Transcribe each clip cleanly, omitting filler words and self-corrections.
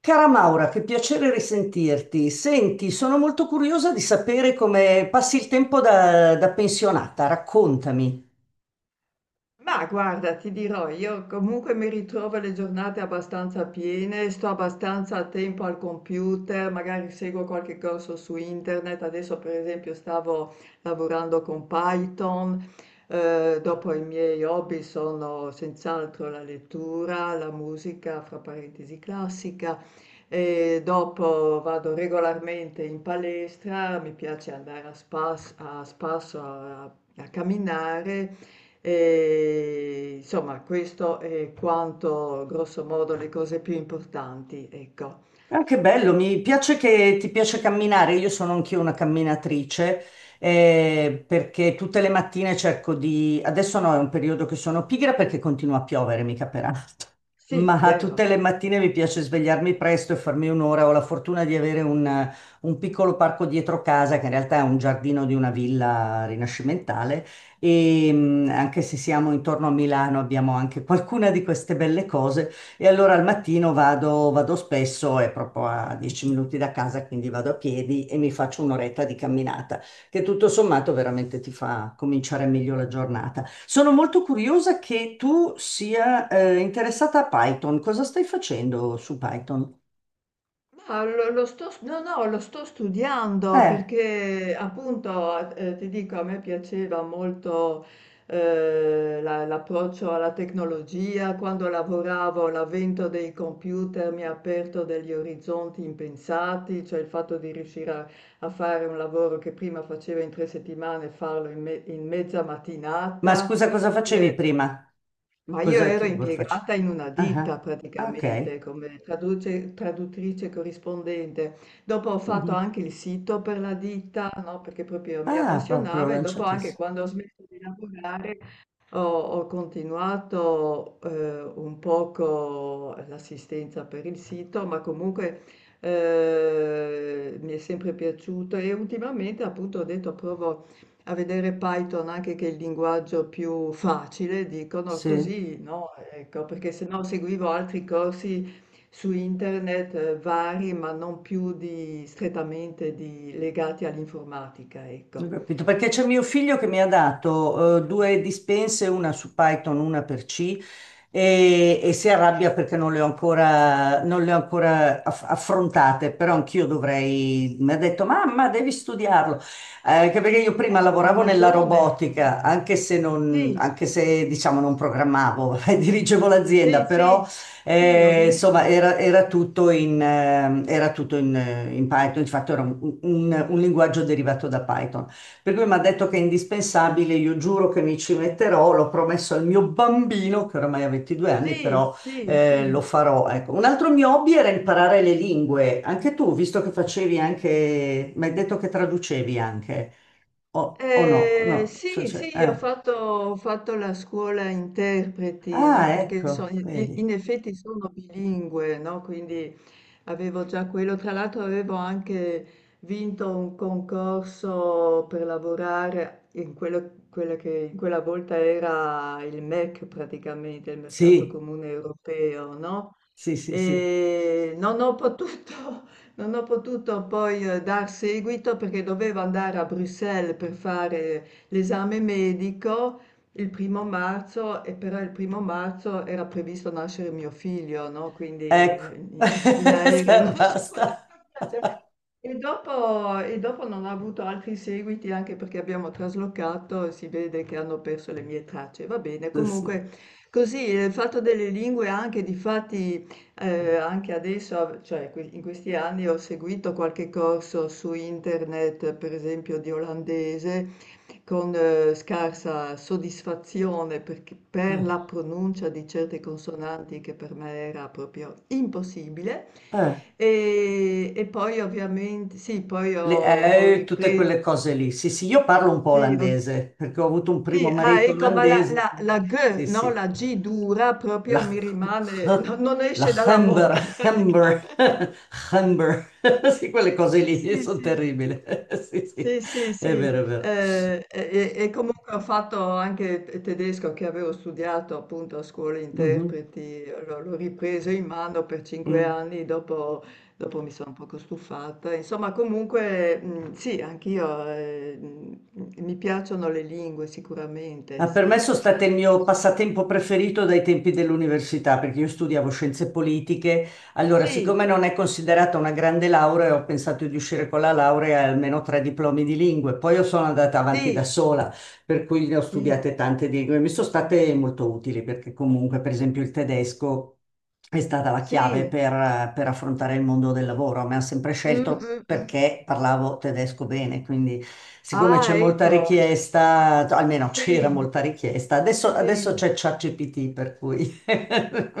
Cara Maura, che piacere risentirti. Senti, sono molto curiosa di sapere come passi il tempo da pensionata. Raccontami. Ma guarda, ti dirò, io comunque mi ritrovo le giornate abbastanza piene, sto abbastanza a tempo al computer, magari seguo qualche corso su internet, adesso per esempio stavo lavorando con Python. Dopo i miei hobby sono senz'altro la lettura, la musica, fra parentesi classica, e dopo vado regolarmente in palestra, mi piace andare a spasso a camminare. E, insomma, questo è quanto, grosso modo, le cose più importanti, ecco. Ah, che bello, mi piace che ti piace camminare. Io sono anch'io una camminatrice, perché tutte le mattine cerco di. Adesso no, è un periodo che sono pigra perché continua a piovere, mica per. Sì, Ma tutte vero. le mattine mi piace svegliarmi presto e farmi un'ora. Ho la fortuna di avere un piccolo parco dietro casa, che in realtà è un giardino di una villa rinascimentale. E anche se siamo intorno a Milano, abbiamo anche qualcuna di queste belle cose. E allora al mattino vado spesso, è proprio a 10 minuti da casa, quindi vado a piedi e mi faccio un'oretta di camminata che tutto sommato veramente ti fa cominciare meglio la giornata. Sono molto curiosa che tu sia interessata a Python. Cosa stai facendo su Python? Ma lo, lo sto, s- no, no, lo sto studiando Eh, perché appunto, ti dico, a me piaceva molto, l'approccio alla tecnologia. Quando lavoravo, l'avvento dei computer mi ha aperto degli orizzonti impensati, cioè il fatto di riuscire a fare un lavoro che prima facevo in tre settimane, farlo in mezza ma mattinata. scusa, cosa facevi Eh, prima? ma io Cosa ero che lavoro faccio? impiegata in una Ah, ditta ah, ah, ok. praticamente come traduttrice corrispondente. Dopo ho fatto Mhm. anche il sito per la ditta, no? Perché proprio mi Ah, proprio appassionava, e dopo anche lanciatissimo. quando ho smesso di lavorare ho continuato un poco l'assistenza per il sito, ma comunque mi è sempre piaciuto, e ultimamente appunto ho detto provo a vedere Python, anche che è il linguaggio più facile, dicono Sì. così, no? Ecco, perché se no seguivo altri corsi su internet vari, ma non più di, strettamente legati all'informatica, Ho ecco. capito, perché c'è mio figlio che mi ha dato due dispense, una su Python, una per C, e si arrabbia perché non le ho ancora affrontate, però anch'io dovrei, mi ha detto, mamma, devi studiarlo. Anche perché io prima Ha lavoravo nella ragione. robotica, anche se, non, Sì. anche se diciamo non programmavo, dirigevo l'azienda, Sì, però sì, sì, ho insomma, visto. era era tutto in Python, infatti era un linguaggio derivato da Python. Per cui mi ha detto che è indispensabile, io giuro che mi ci metterò, l'ho promesso al mio bambino, che oramai ha 22 anni, Sì, però sì, lo sì. farò. Ecco. Un altro mio hobby era imparare le lingue. Anche tu, visto che facevi anche, mi hai detto che traducevi anche, o no? No, Sì, cioèsì, ho fatto la scuola interpreti, no? Ah, Perché ecco, in vedi. in effetti sono bilingue, no? Quindi avevo già quello. Tra l'altro avevo anche vinto un concorso per lavorare in quello, quella che in quella volta era il MEC praticamente, il mercato Sì, comune europeo, no? sì, sì, sì. E non ho potuto, non ho potuto poi, dar seguito perché dovevo andare a Bruxelles per fare l'esame medico il primo marzo, e però il primo marzo era previsto nascere mio figlio, no? Quindi, Ecco. In aereo non si poteva Basta. viaggiare. E dopo non ho avuto altri seguiti anche perché abbiamo traslocato e si vede che hanno perso le mie tracce. Va bene, Adesso. comunque così, il fatto delle lingue, anche di fatti, anche adesso av cioè que in questi anni ho seguito qualche corso su internet, per esempio di olandese, con scarsa soddisfazione perché per Ah. la pronuncia di certe consonanti che per me era proprio impossibile. Eh. E poi ovviamente sì, poi ho Le- ho tutte ripre quelle cose lì. Sì, sì, io parlo un po' sì, ho olandese perché ho avuto un primo sì, ah marito ecco, ma la olandese. la la g, Sì, no, sì. la g dura La, proprio mi rimane, no, non la esce dalla Humber, bocca Humber, praticamente. Humber. Sì, quelle cose Sì, lì sì, sono sì. terribili. Sì, sì, Sì, sì, è sì, vero, è vero. E comunque ho fatto anche tedesco, che avevo studiato appunto a scuola Mhm, interpreti, l'ho ripreso in mano per cinque mm. anni, dopo, dopo mi sono un poco stufata. Insomma, comunque, sì, anch'io, mi piacciono le lingue sicuramente, Ma per me sì. sono state il mio passatempo preferito dai tempi dell'università, perché io studiavo scienze politiche. Allora, siccome Sì, non è considerata una grande laurea, ho pensato di uscire con la laurea e almeno tre diplomi di lingue. Poi io sono andata avanti da sì, sola, per cui ne ho sì, studiate tante lingue. Mi sono state molto utili perché comunque, per esempio, il tedesco è stata la chiave sì. per affrontare il mondo del lavoro. Mi hanno sempre Mm, scelto mm, mm. perché parlavo tedesco bene, quindi siccome c'è Ah, molta ecco. richiesta, almeno c'era Sì. molta richiesta, adesso Sì. c'è ChatGPT, per cui.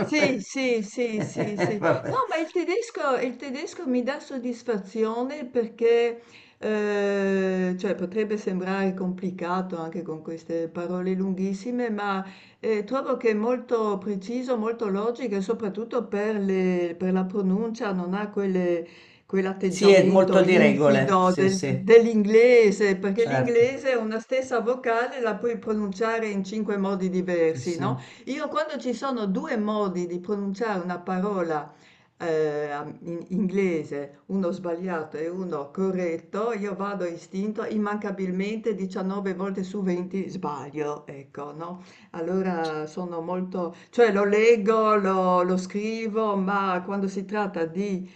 Sì, sì, sì, sì, sì. No, Vabbè. ma il tedesco mi dà soddisfazione perché, cioè, potrebbe sembrare complicato anche con queste parole lunghissime, ma, trovo che è molto preciso, molto logico, e soprattutto per le per la pronuncia non ha quelle Sì, è molto quell'atteggiamento di regole, infido sì, sì, dell'inglese, perché certo. l'inglese è una stessa vocale la puoi pronunciare in 5 modi Sì, diversi, no? sì. Io quando ci sono due modi di pronunciare una parola, in inglese, uno sbagliato e uno corretto, io vado a istinto, immancabilmente 19 volte su 20 sbaglio, ecco, no? Allora sono molto, cioè lo leggo, lo scrivo, ma quando si tratta di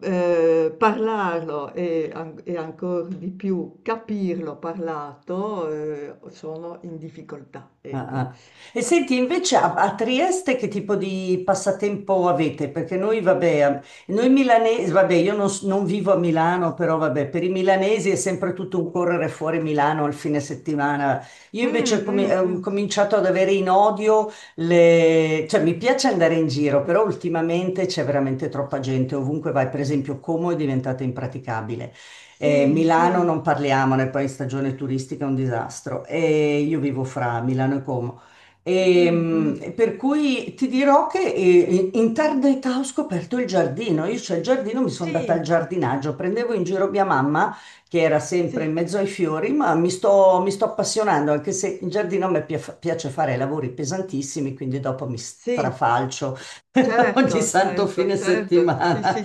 parlarlo e, e ancora di più capirlo parlato, sono in difficoltà, Ah, ecco. ah. E senti, invece a Trieste che tipo di passatempo avete? Perché noi, vabbè, noi milanesi, vabbè, io non vivo a Milano, però vabbè, per i milanesi è sempre tutto un correre fuori Milano il fine settimana. Io invece ho Mh, comi- mh, ho mh. cominciato ad avere in odio le, cioè mi piace andare in giro, però ultimamente c'è veramente troppa gente, ovunque vai, per esempio Como è diventata impraticabile. Eh, Sì, Milano sì. non parliamone, poi in stagione turistica è un disastro. E io vivo fra Milano e Como. Mh, Ehm, mh. E, per cui ti dirò che in tarda età ho scoperto il giardino. Io c'è il giardino, mi sono data Sì, al giardinaggio, prendevo in giro mia mamma che era sempre sì, in mezzo ai fiori, ma mi sto appassionando, anche se in giardino a me piace fare lavori pesantissimi, quindi dopo mi sì. strafalcio ogni Certo, santo certo, fine certo. Sì, settimana. sì.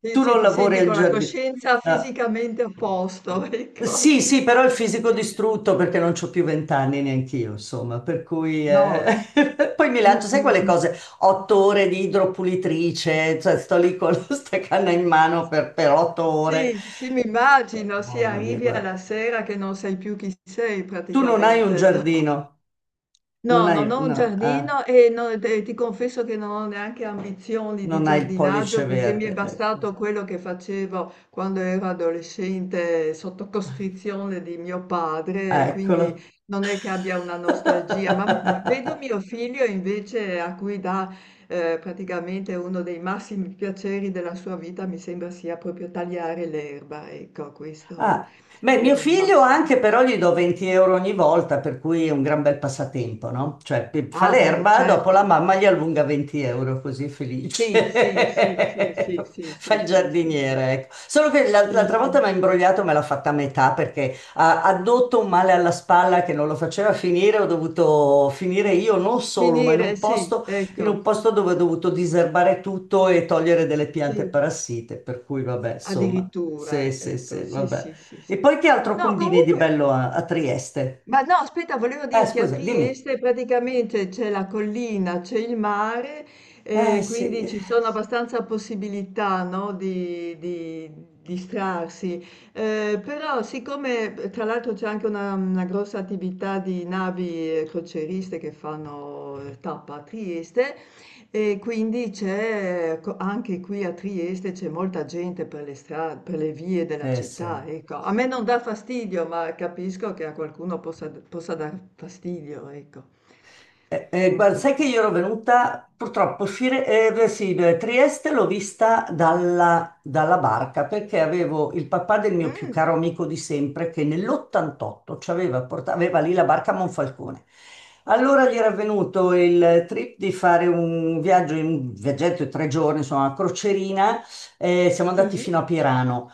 Sì, Tu sì, non ti lavori senti al con la giardino. coscienza fisicamente a posto, ecco, Sì, sì, sì. però il fisico Sì, sì. distrutto perché non c'ho più vent'anni neanch'io, insomma, per cui No. Poi mi Mh, lancio, sai mh, quelle mh. cose, 8 ore di idropulitrice, cioè sto lì con questa canna in mano per 8 ore. Sì, sì, mi immagino, sì, Mamma mia, arrivi guarda. alla sera che non sai più chi sei Tu non hai un praticamente, no? giardino, non No, hai, non ho un no, giardino, e ti confesso che non ho neanche ambizioni non di hai il pollice giardinaggio, perché mi verde, è ecco. bastato quello che facevo quando ero adolescente sotto costrizione di mio padre, e quindi Eccolo. non è che abbia una nostalgia. Ma vedo mio figlio invece, a cui dà, praticamente, uno dei massimi piaceri della sua vita, mi sembra sia proprio tagliare l'erba, ecco, questo Ah. Beh, è mio un figlio must. anche però gli do 20 euro ogni volta, per cui è un gran bel passatempo, no? Cioè, fa Ah, beh, l'erba, dopo la certo. mamma gli allunga 20 euro, così è Sì, sì, sì, sì, felice. sì, sì, Fa sì, il sì, sì, sì. giardiniere, ecco. Solo che l'al- Sì, l'altra sì. volta mi ha imbrogliato, me l'ha fatta a metà perché ha addotto un male alla spalla che non lo faceva finire, ho dovuto finire io non solo, ma in Finire, un sì, posto, in ecco, un posto dove ho dovuto diserbare tutto e togliere delle piante sì, parassite, per cui vabbè, insomma. Sì, addirittura, sì, ecco, sì, sì, vabbè. sì, sì, E sì. poi che altro No, combini di comunque, bello a Trieste? Ma no, aspetta, volevo Eh, dirti, a scusa, dimmi. Trieste praticamente c'è la collina, c'è il mare, quindi Sì. ci sono abbastanza possibilità, no, di distrarsi. Però siccome tra l'altro c'è anche una grossa attività di navi crocieriste che fanno tappa a Trieste, e quindi c'è, anche qui a Trieste c'è molta gente per le strade, per le vie della Sì. città, ecco. A me non dà fastidio, ma capisco che a qualcuno possa dar fastidio, ecco. Eh, eh, Mm, guarda, mm. sai che io ero venuta, purtroppo, beh, sì, beh, Trieste l'ho vista dalla barca perché avevo il papà del mio più Mm, caro amico di sempre che nell'88 ci aveva portato, aveva lì la barca a Monfalcone. Allora gli era venuto il trip di fare un viaggio, un viaggetto di 3 giorni, insomma, una crocerina. Siamo andati sì, fino a Pirano.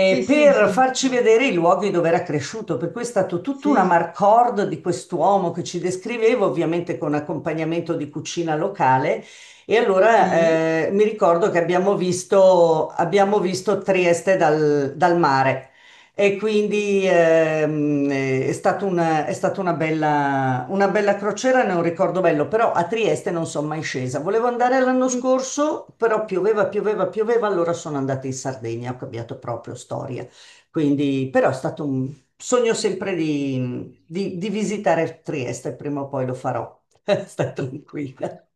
sì, sì, per sì, farci vedere i luoghi dove era cresciuto. Per cui è stato tutta una sì, marcord di quest'uomo che ci descrivevo, ovviamente con accompagnamento di cucina locale. E allora sì. Mi ricordo che abbiamo visto Trieste dal mare. E quindi è stata una bella crociera, ne ho un ricordo bello, però a Trieste non sono mai scesa. Volevo andare l'anno Mm. scorso, però pioveva, pioveva, pioveva, allora sono andata in Sardegna, ho cambiato proprio storia. Quindi, però è stato un sogno sempre di visitare Trieste, prima o poi lo farò. Stai tranquilla.